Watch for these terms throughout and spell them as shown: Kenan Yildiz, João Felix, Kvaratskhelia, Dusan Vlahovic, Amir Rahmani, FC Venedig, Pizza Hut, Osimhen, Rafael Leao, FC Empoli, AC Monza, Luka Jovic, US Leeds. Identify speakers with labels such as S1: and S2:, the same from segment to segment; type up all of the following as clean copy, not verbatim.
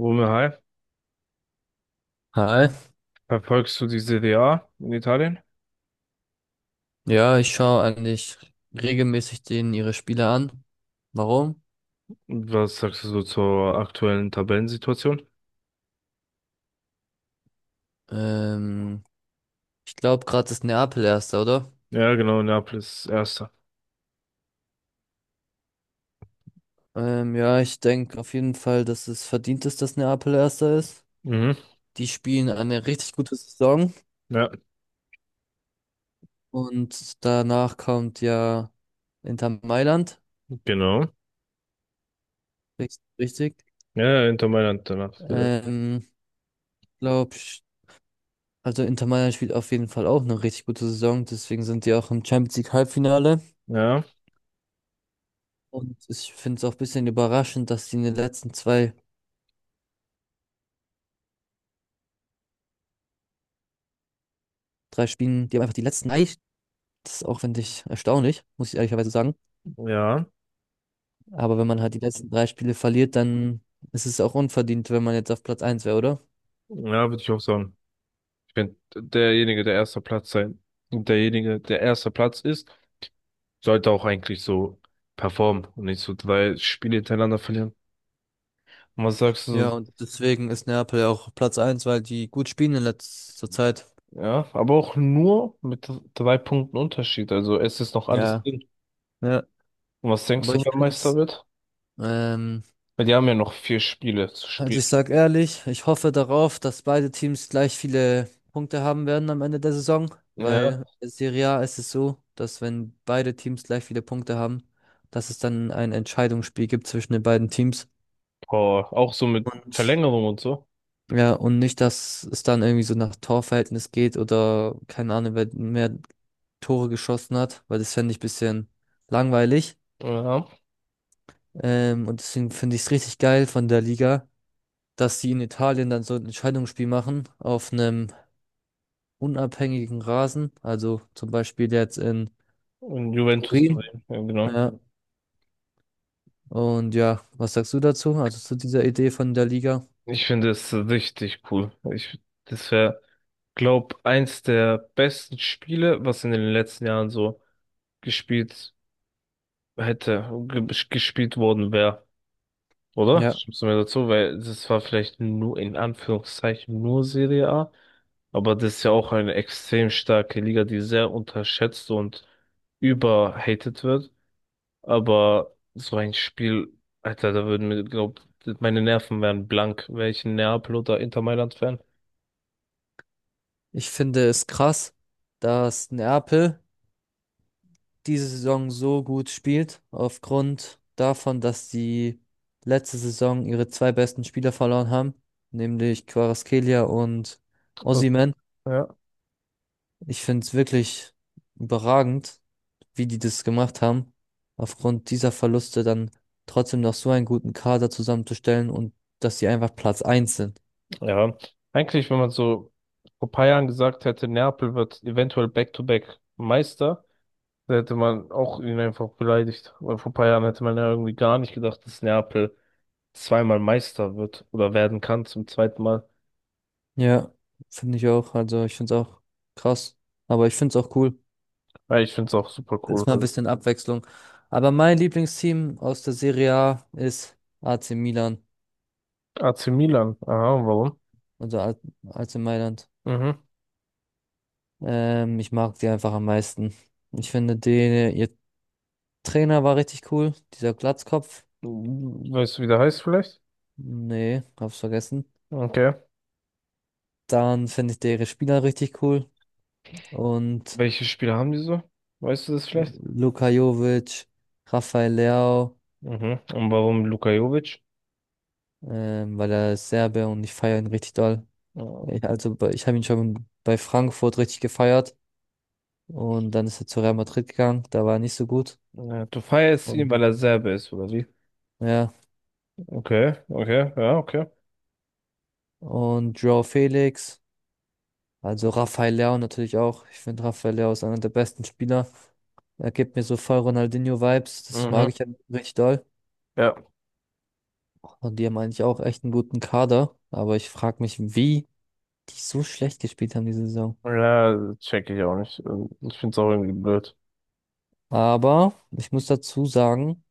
S1: Romeo, hi,
S2: Hi.
S1: verfolgst du die Serie A in Italien?
S2: Ja, ich schaue eigentlich regelmäßig denen ihre Spiele an. Warum?
S1: Und was sagst du so zur aktuellen Tabellensituation?
S2: Ähm, ich glaube, gerade ist Neapel Erster, oder?
S1: Ja, genau, Neapel ist Erster.
S2: Ja, ich denke auf jeden Fall, dass es verdient ist, dass Neapel Erster ist.
S1: Mhm.
S2: Die spielen eine richtig gute Saison
S1: Ja,
S2: und danach kommt ja Inter Mailand.
S1: genau.
S2: Richtig. Richtig.
S1: Ja, Inter Mailand danach wieder.
S2: Ähm, glaub, sch- also Inter Mailand spielt auf jeden Fall auch eine richtig gute Saison, deswegen sind die auch im Champions League Halbfinale.
S1: Ja,
S2: Und ich finde es auch ein bisschen überraschend, dass die in den letzten zwei, drei Spielen, die haben einfach die letzten drei, das ist auch, finde ich, erstaunlich, muss ich ehrlicherweise sagen.
S1: ja,
S2: Aber wenn man halt die letzten drei Spiele verliert, dann ist es auch unverdient, wenn man jetzt auf Platz eins wäre, oder?
S1: ja, würde ich auch sagen. Ich finde, derjenige, der erster Platz sein, und derjenige, der erster Platz ist, sollte auch eigentlich so performen und nicht so drei Spiele hintereinander verlieren. Und was sagst du
S2: Ja,
S1: so?
S2: und deswegen ist Neapel ja auch Platz eins, weil die gut spielen in letzter Zeit.
S1: Ja, aber auch nur mit drei Punkten Unterschied. Also es ist noch alles
S2: Ja.
S1: drin.
S2: Ja.
S1: Und was denkst
S2: Aber
S1: du,
S2: ich
S1: wer
S2: finde
S1: Meister
S2: es,
S1: wird? Weil die haben ja noch vier Spiele zu
S2: Also
S1: spielen.
S2: ich sage ehrlich, ich hoffe darauf, dass beide Teams gleich viele Punkte haben werden am Ende der Saison,
S1: Ja.
S2: weil in Serie A ist es so, dass wenn beide Teams gleich viele Punkte haben, dass es dann ein Entscheidungsspiel gibt zwischen den beiden Teams.
S1: Boah, auch so mit
S2: Und
S1: Verlängerung und so.
S2: ja, und nicht, dass es dann irgendwie so nach Torverhältnis geht oder keine Ahnung, wer mehr Tore geschossen hat, weil das fände ich ein bisschen langweilig.
S1: Ja.
S2: Und deswegen finde ich es richtig geil von der Liga, dass sie in Italien dann so ein Entscheidungsspiel machen auf einem unabhängigen Rasen, also zum Beispiel jetzt in
S1: Und Juventus
S2: Turin.
S1: Turin, ja genau.
S2: Ja, und ja, was sagst du dazu? Also zu dieser Idee von der Liga?
S1: Ich finde es richtig cool. Ich, das wäre, glaub, eins der besten Spiele, was in den letzten Jahren so gespielt hätte, ge gespielt worden wäre. Oder?
S2: Ja,
S1: Stimmst du mir dazu? Weil das war vielleicht nur in Anführungszeichen nur Serie A. Aber das ist ja auch eine extrem starke Liga, die sehr unterschätzt und überhated wird. Aber so ein Spiel, Alter, da würden mir, glaub, meine Nerven wären blank, wäre ich ein Neapel oder Inter Mailand-Fan.
S2: ich finde es krass, dass Neapel diese Saison so gut spielt, aufgrund davon, dass sie letzte Saison ihre zwei besten Spieler verloren haben, nämlich Kvaratskhelia und
S1: Was-
S2: Osimhen.
S1: Ja.
S2: Ich finde es wirklich überragend, wie die das gemacht haben, aufgrund dieser Verluste dann trotzdem noch so einen guten Kader zusammenzustellen und dass sie einfach Platz eins sind.
S1: Ja, eigentlich, wenn man so vor paar Jahren gesagt hätte, Neapel wird eventuell Back-to-Back Meister, da hätte man auch ihn einfach beleidigt. Weil vor paar Jahren hätte man ja irgendwie gar nicht gedacht, dass Neapel zweimal Meister wird oder werden kann zum zweiten Mal.
S2: Ja, finde ich auch. Also ich finde es auch krass. Aber ich finde es auch cool.
S1: Ja, ich finde es auch super cool.
S2: Ist mal ein
S1: Also,
S2: bisschen Abwechslung. Aber mein Lieblingsteam aus der Serie A ist AC Milan,
S1: AC Milan. Aha, warum?
S2: also A- AC Mailand.
S1: Mhm.
S2: Ich mag die einfach am meisten. Ich finde, die, ihr Trainer war richtig cool. Dieser Glatzkopf.
S1: Weißt du, wie der heißt vielleicht?
S2: Nee, hab's vergessen.
S1: Okay.
S2: Dann finde ich deren Spieler richtig cool. Und
S1: Welche Spieler haben die so? Weißt du das vielleicht?
S2: Luka Jovic, Rafael Leao,
S1: Mhm. Und warum Luka Jovic?
S2: weil er ist Serbe und ich feiere ihn richtig doll. Ich,
S1: Ähm,
S2: also bei- ich habe ihn schon bei Frankfurt richtig gefeiert. Und dann ist er zu Real Madrid gegangen. Da war er nicht so gut.
S1: ja, du feierst ihn,
S2: Und,
S1: weil er Serbe ist, oder wie?
S2: ja.
S1: Okay, okay, ja, okay.
S2: Und João Felix, also Rafael Leao natürlich auch. Ich finde Rafael Leao ist einer der besten Spieler. Er gibt mir so voll Ronaldinho-Vibes. Das mag
S1: Mhm.
S2: ich ja richtig doll.
S1: Ja.
S2: Und die haben eigentlich auch echt einen guten Kader. Aber ich frage mich, wie die so schlecht gespielt haben diese Saison.
S1: Ja, check ich auch nicht. Ich finde es auch irgendwie blöd.
S2: Aber ich muss dazu sagen,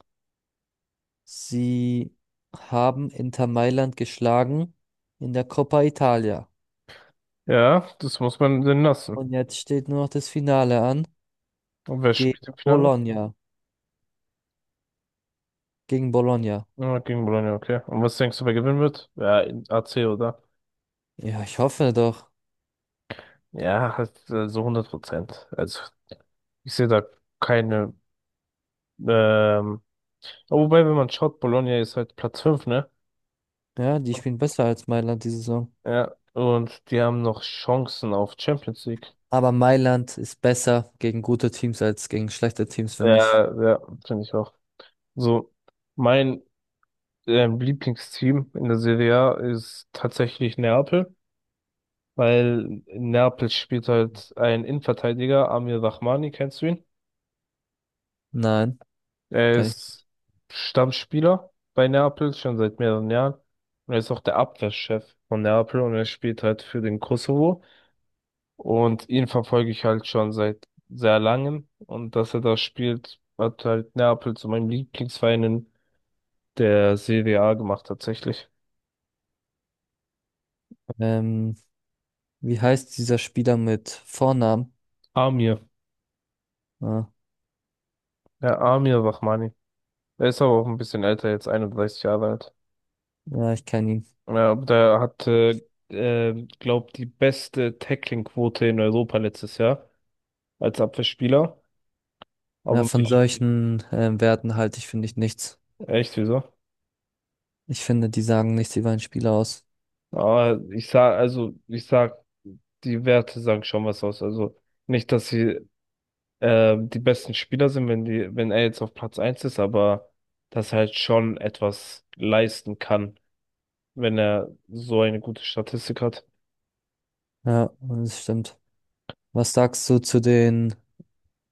S2: sie haben Inter Mailand geschlagen in der Coppa Italia.
S1: Ja, das muss man denn lassen.
S2: Und jetzt steht nur noch das Finale an
S1: Und wer
S2: gegen
S1: spielt im Finale?
S2: Bologna. Gegen Bologna.
S1: Ja, gegen Bologna, okay. Und was denkst du, wer gewinnen wird? Ja, AC, oder?
S2: Ja, ich hoffe doch.
S1: Ja, halt, so 100%. Also, ich sehe da keine, ähm, wobei, wenn man schaut, Bologna ist halt Platz 5 ne?
S2: Ja, die
S1: Und-
S2: spielen besser als Mailand diese Saison.
S1: Ja, und die haben noch Chancen auf Champions League.
S2: Aber Mailand ist besser gegen gute Teams als gegen schlechte Teams, finde ich.
S1: Ja, ja, finde ich auch. So, mein, Lieblingsteam in der Serie A ist tatsächlich Neapel, weil in Neapel spielt halt ein Innenverteidiger, Amir Rahmani, kennst du ihn?
S2: Nein,
S1: Er
S2: kann ich.
S1: ist Stammspieler bei Neapel schon seit mehreren Jahren. Und er ist auch der Abwehrchef von Neapel und er spielt halt für den Kosovo. Und ihn verfolge ich halt schon seit sehr langem. Und dass er da spielt, hat halt Neapel zu meinem Lieblingsverein in der Serie A gemacht, tatsächlich.
S2: Ähm, wie heißt dieser Spieler mit Vornamen?
S1: Amir.
S2: Ah,
S1: Ja, Amir Rahmani. Er ist aber auch ein bisschen älter, jetzt 31 Jahre alt.
S2: ja, ich kann ihn.
S1: Ja, aber der hatte, glaub, die beste Tackling-Quote in Europa letztes Jahr als Abwehrspieler.
S2: Ja,
S1: Aber
S2: von
S1: ich,
S2: solchen Werten halte ich, finde ich, nichts.
S1: echt, wieso?
S2: Ich finde, die sagen nichts über einen Spieler aus.
S1: Aber ich sag, also, ich sag, die Werte sagen schon was aus. Also, nicht, dass sie die besten Spieler sind, wenn er jetzt auf Platz eins ist, aber dass er halt schon etwas leisten kann, wenn er so eine gute Statistik hat.
S2: Ja, und das stimmt. Was sagst du zu den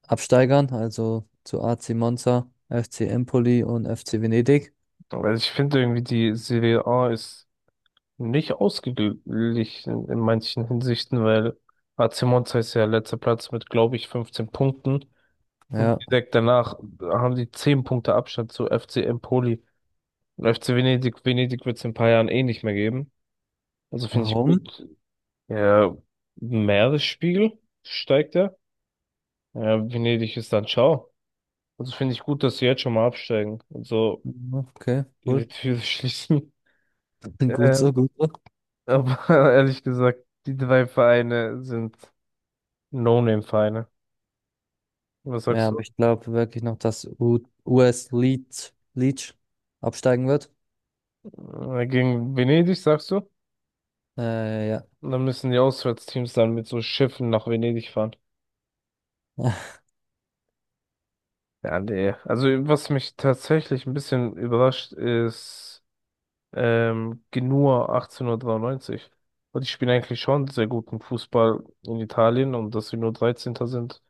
S2: Absteigern, also zu AC Monza, FC Empoli und FC Venedig?
S1: Weil ich finde irgendwie, die Serie A ist nicht ausgeglichen in manchen Hinsichten, weil AC Monza ist ja letzter Platz mit, glaube ich, 15 Punkten. Und
S2: Ja,
S1: direkt danach haben die 10 Punkte Abstand zu FC Empoli. Und FC Venedig, Venedig wird es in ein paar Jahren eh nicht mehr geben. Also finde ich
S2: warum?
S1: gut. Ja, Meeresspiegel steigt er. Ja, Venedig ist dann ciao. Also finde ich gut, dass sie jetzt schon mal absteigen und so
S2: Okay, cool.
S1: ihre Türe schließen.
S2: Gut so,
S1: Ähm,
S2: gut so.
S1: aber ehrlich gesagt, die drei Vereine sind No-Name-Vereine. Was
S2: Ja,
S1: sagst du?
S2: aber ich glaube wirklich noch, dass U US Leeds absteigen wird.
S1: Gegen Venedig, sagst du?
S2: Ja.
S1: Und dann müssen die Auswärtsteams dann mit so Schiffen nach Venedig fahren. Ja, nee. Also was mich tatsächlich ein bisschen überrascht ist, Genua 1893. Und die spielen eigentlich schon sehr guten Fußball in Italien und dass sie nur Dreizehnter sind,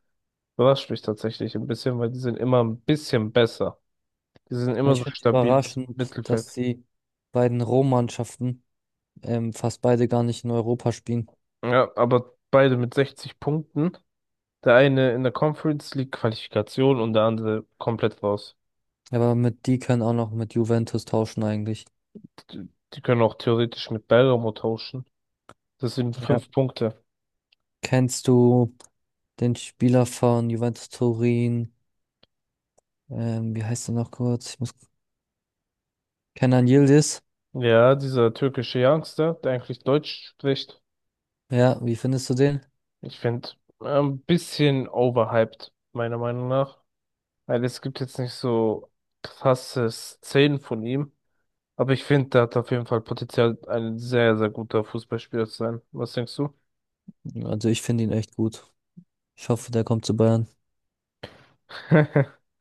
S1: überrascht mich tatsächlich ein bisschen, weil die sind immer ein bisschen besser. Die sind immer
S2: Ich
S1: so
S2: finde es
S1: stabiles
S2: überraschend, dass
S1: Mittelfeld.
S2: die beiden Rom-Mannschaften fast beide gar nicht in Europa spielen.
S1: Ja, aber beide mit 60 Punkten. Der eine in der Conference League Qualifikation und der andere komplett raus.
S2: Aber mit die können auch noch mit Juventus tauschen eigentlich.
S1: Die, die können auch theoretisch mit Bergamo tauschen. Das sind
S2: Ja.
S1: fünf Punkte.
S2: Kennst du den Spieler von Juventus Turin? Wie heißt er noch kurz? Ich muss. Kenan Yildiz.
S1: Ja, dieser türkische Youngster, der eigentlich Deutsch spricht,
S2: Ja, wie findest du den?
S1: ich finde, ein bisschen overhyped, meiner Meinung nach. Weil es gibt jetzt nicht so krasse Szenen von ihm. Aber ich finde, der hat auf jeden Fall Potenzial, ein sehr, sehr guter Fußballspieler zu sein. Was denkst du?
S2: Also ich finde ihn echt gut. Ich hoffe, der kommt zu Bayern.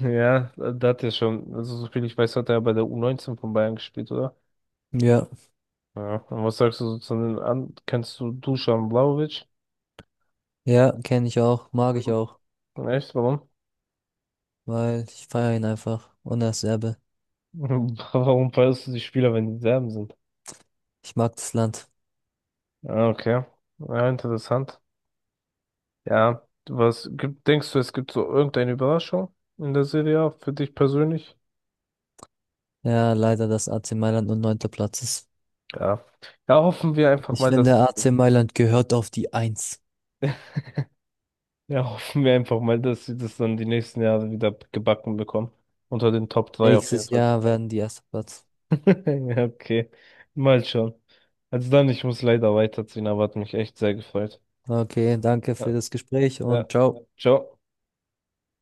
S1: Ja, da hat er schon, also so viel ich weiß, hat er bei der U19 von Bayern gespielt, oder?
S2: Ja,
S1: Ja. Und was sagst du so zu den an? Kennst du Dusan Vlahovic?
S2: ja, kenne ich auch, mag ich auch,
S1: Echt? Warum?
S2: weil ich feiere ihn einfach. Und er ist Serbe.
S1: Warum feierst du die Spieler, wenn die Serben sind?
S2: Ich mag das Land.
S1: Ah, okay, ja, interessant. Ja, was gibt, denkst du, es gibt so irgendeine Überraschung in der Serie A für dich persönlich?
S2: Ja, leider, dass AC Mailand nur neunter Platz ist.
S1: Ja. Ja, hoffen wir einfach
S2: Ich
S1: mal,
S2: finde,
S1: dass sie,
S2: AC Mailand gehört auf die Eins.
S1: ja, hoffen wir einfach mal, dass sie das dann die nächsten Jahre wieder gebacken bekommen. Unter den Top 3 auf jeden
S2: Nächstes
S1: Fall zu
S2: Jahr
S1: sein.
S2: werden die erster Platz.
S1: Ja, okay. Mal schauen. Also dann, ich muss leider weiterziehen, aber hat mich echt sehr gefreut.
S2: Okay, danke
S1: Ja,
S2: für das Gespräch
S1: ja.
S2: und ciao.
S1: Ciao.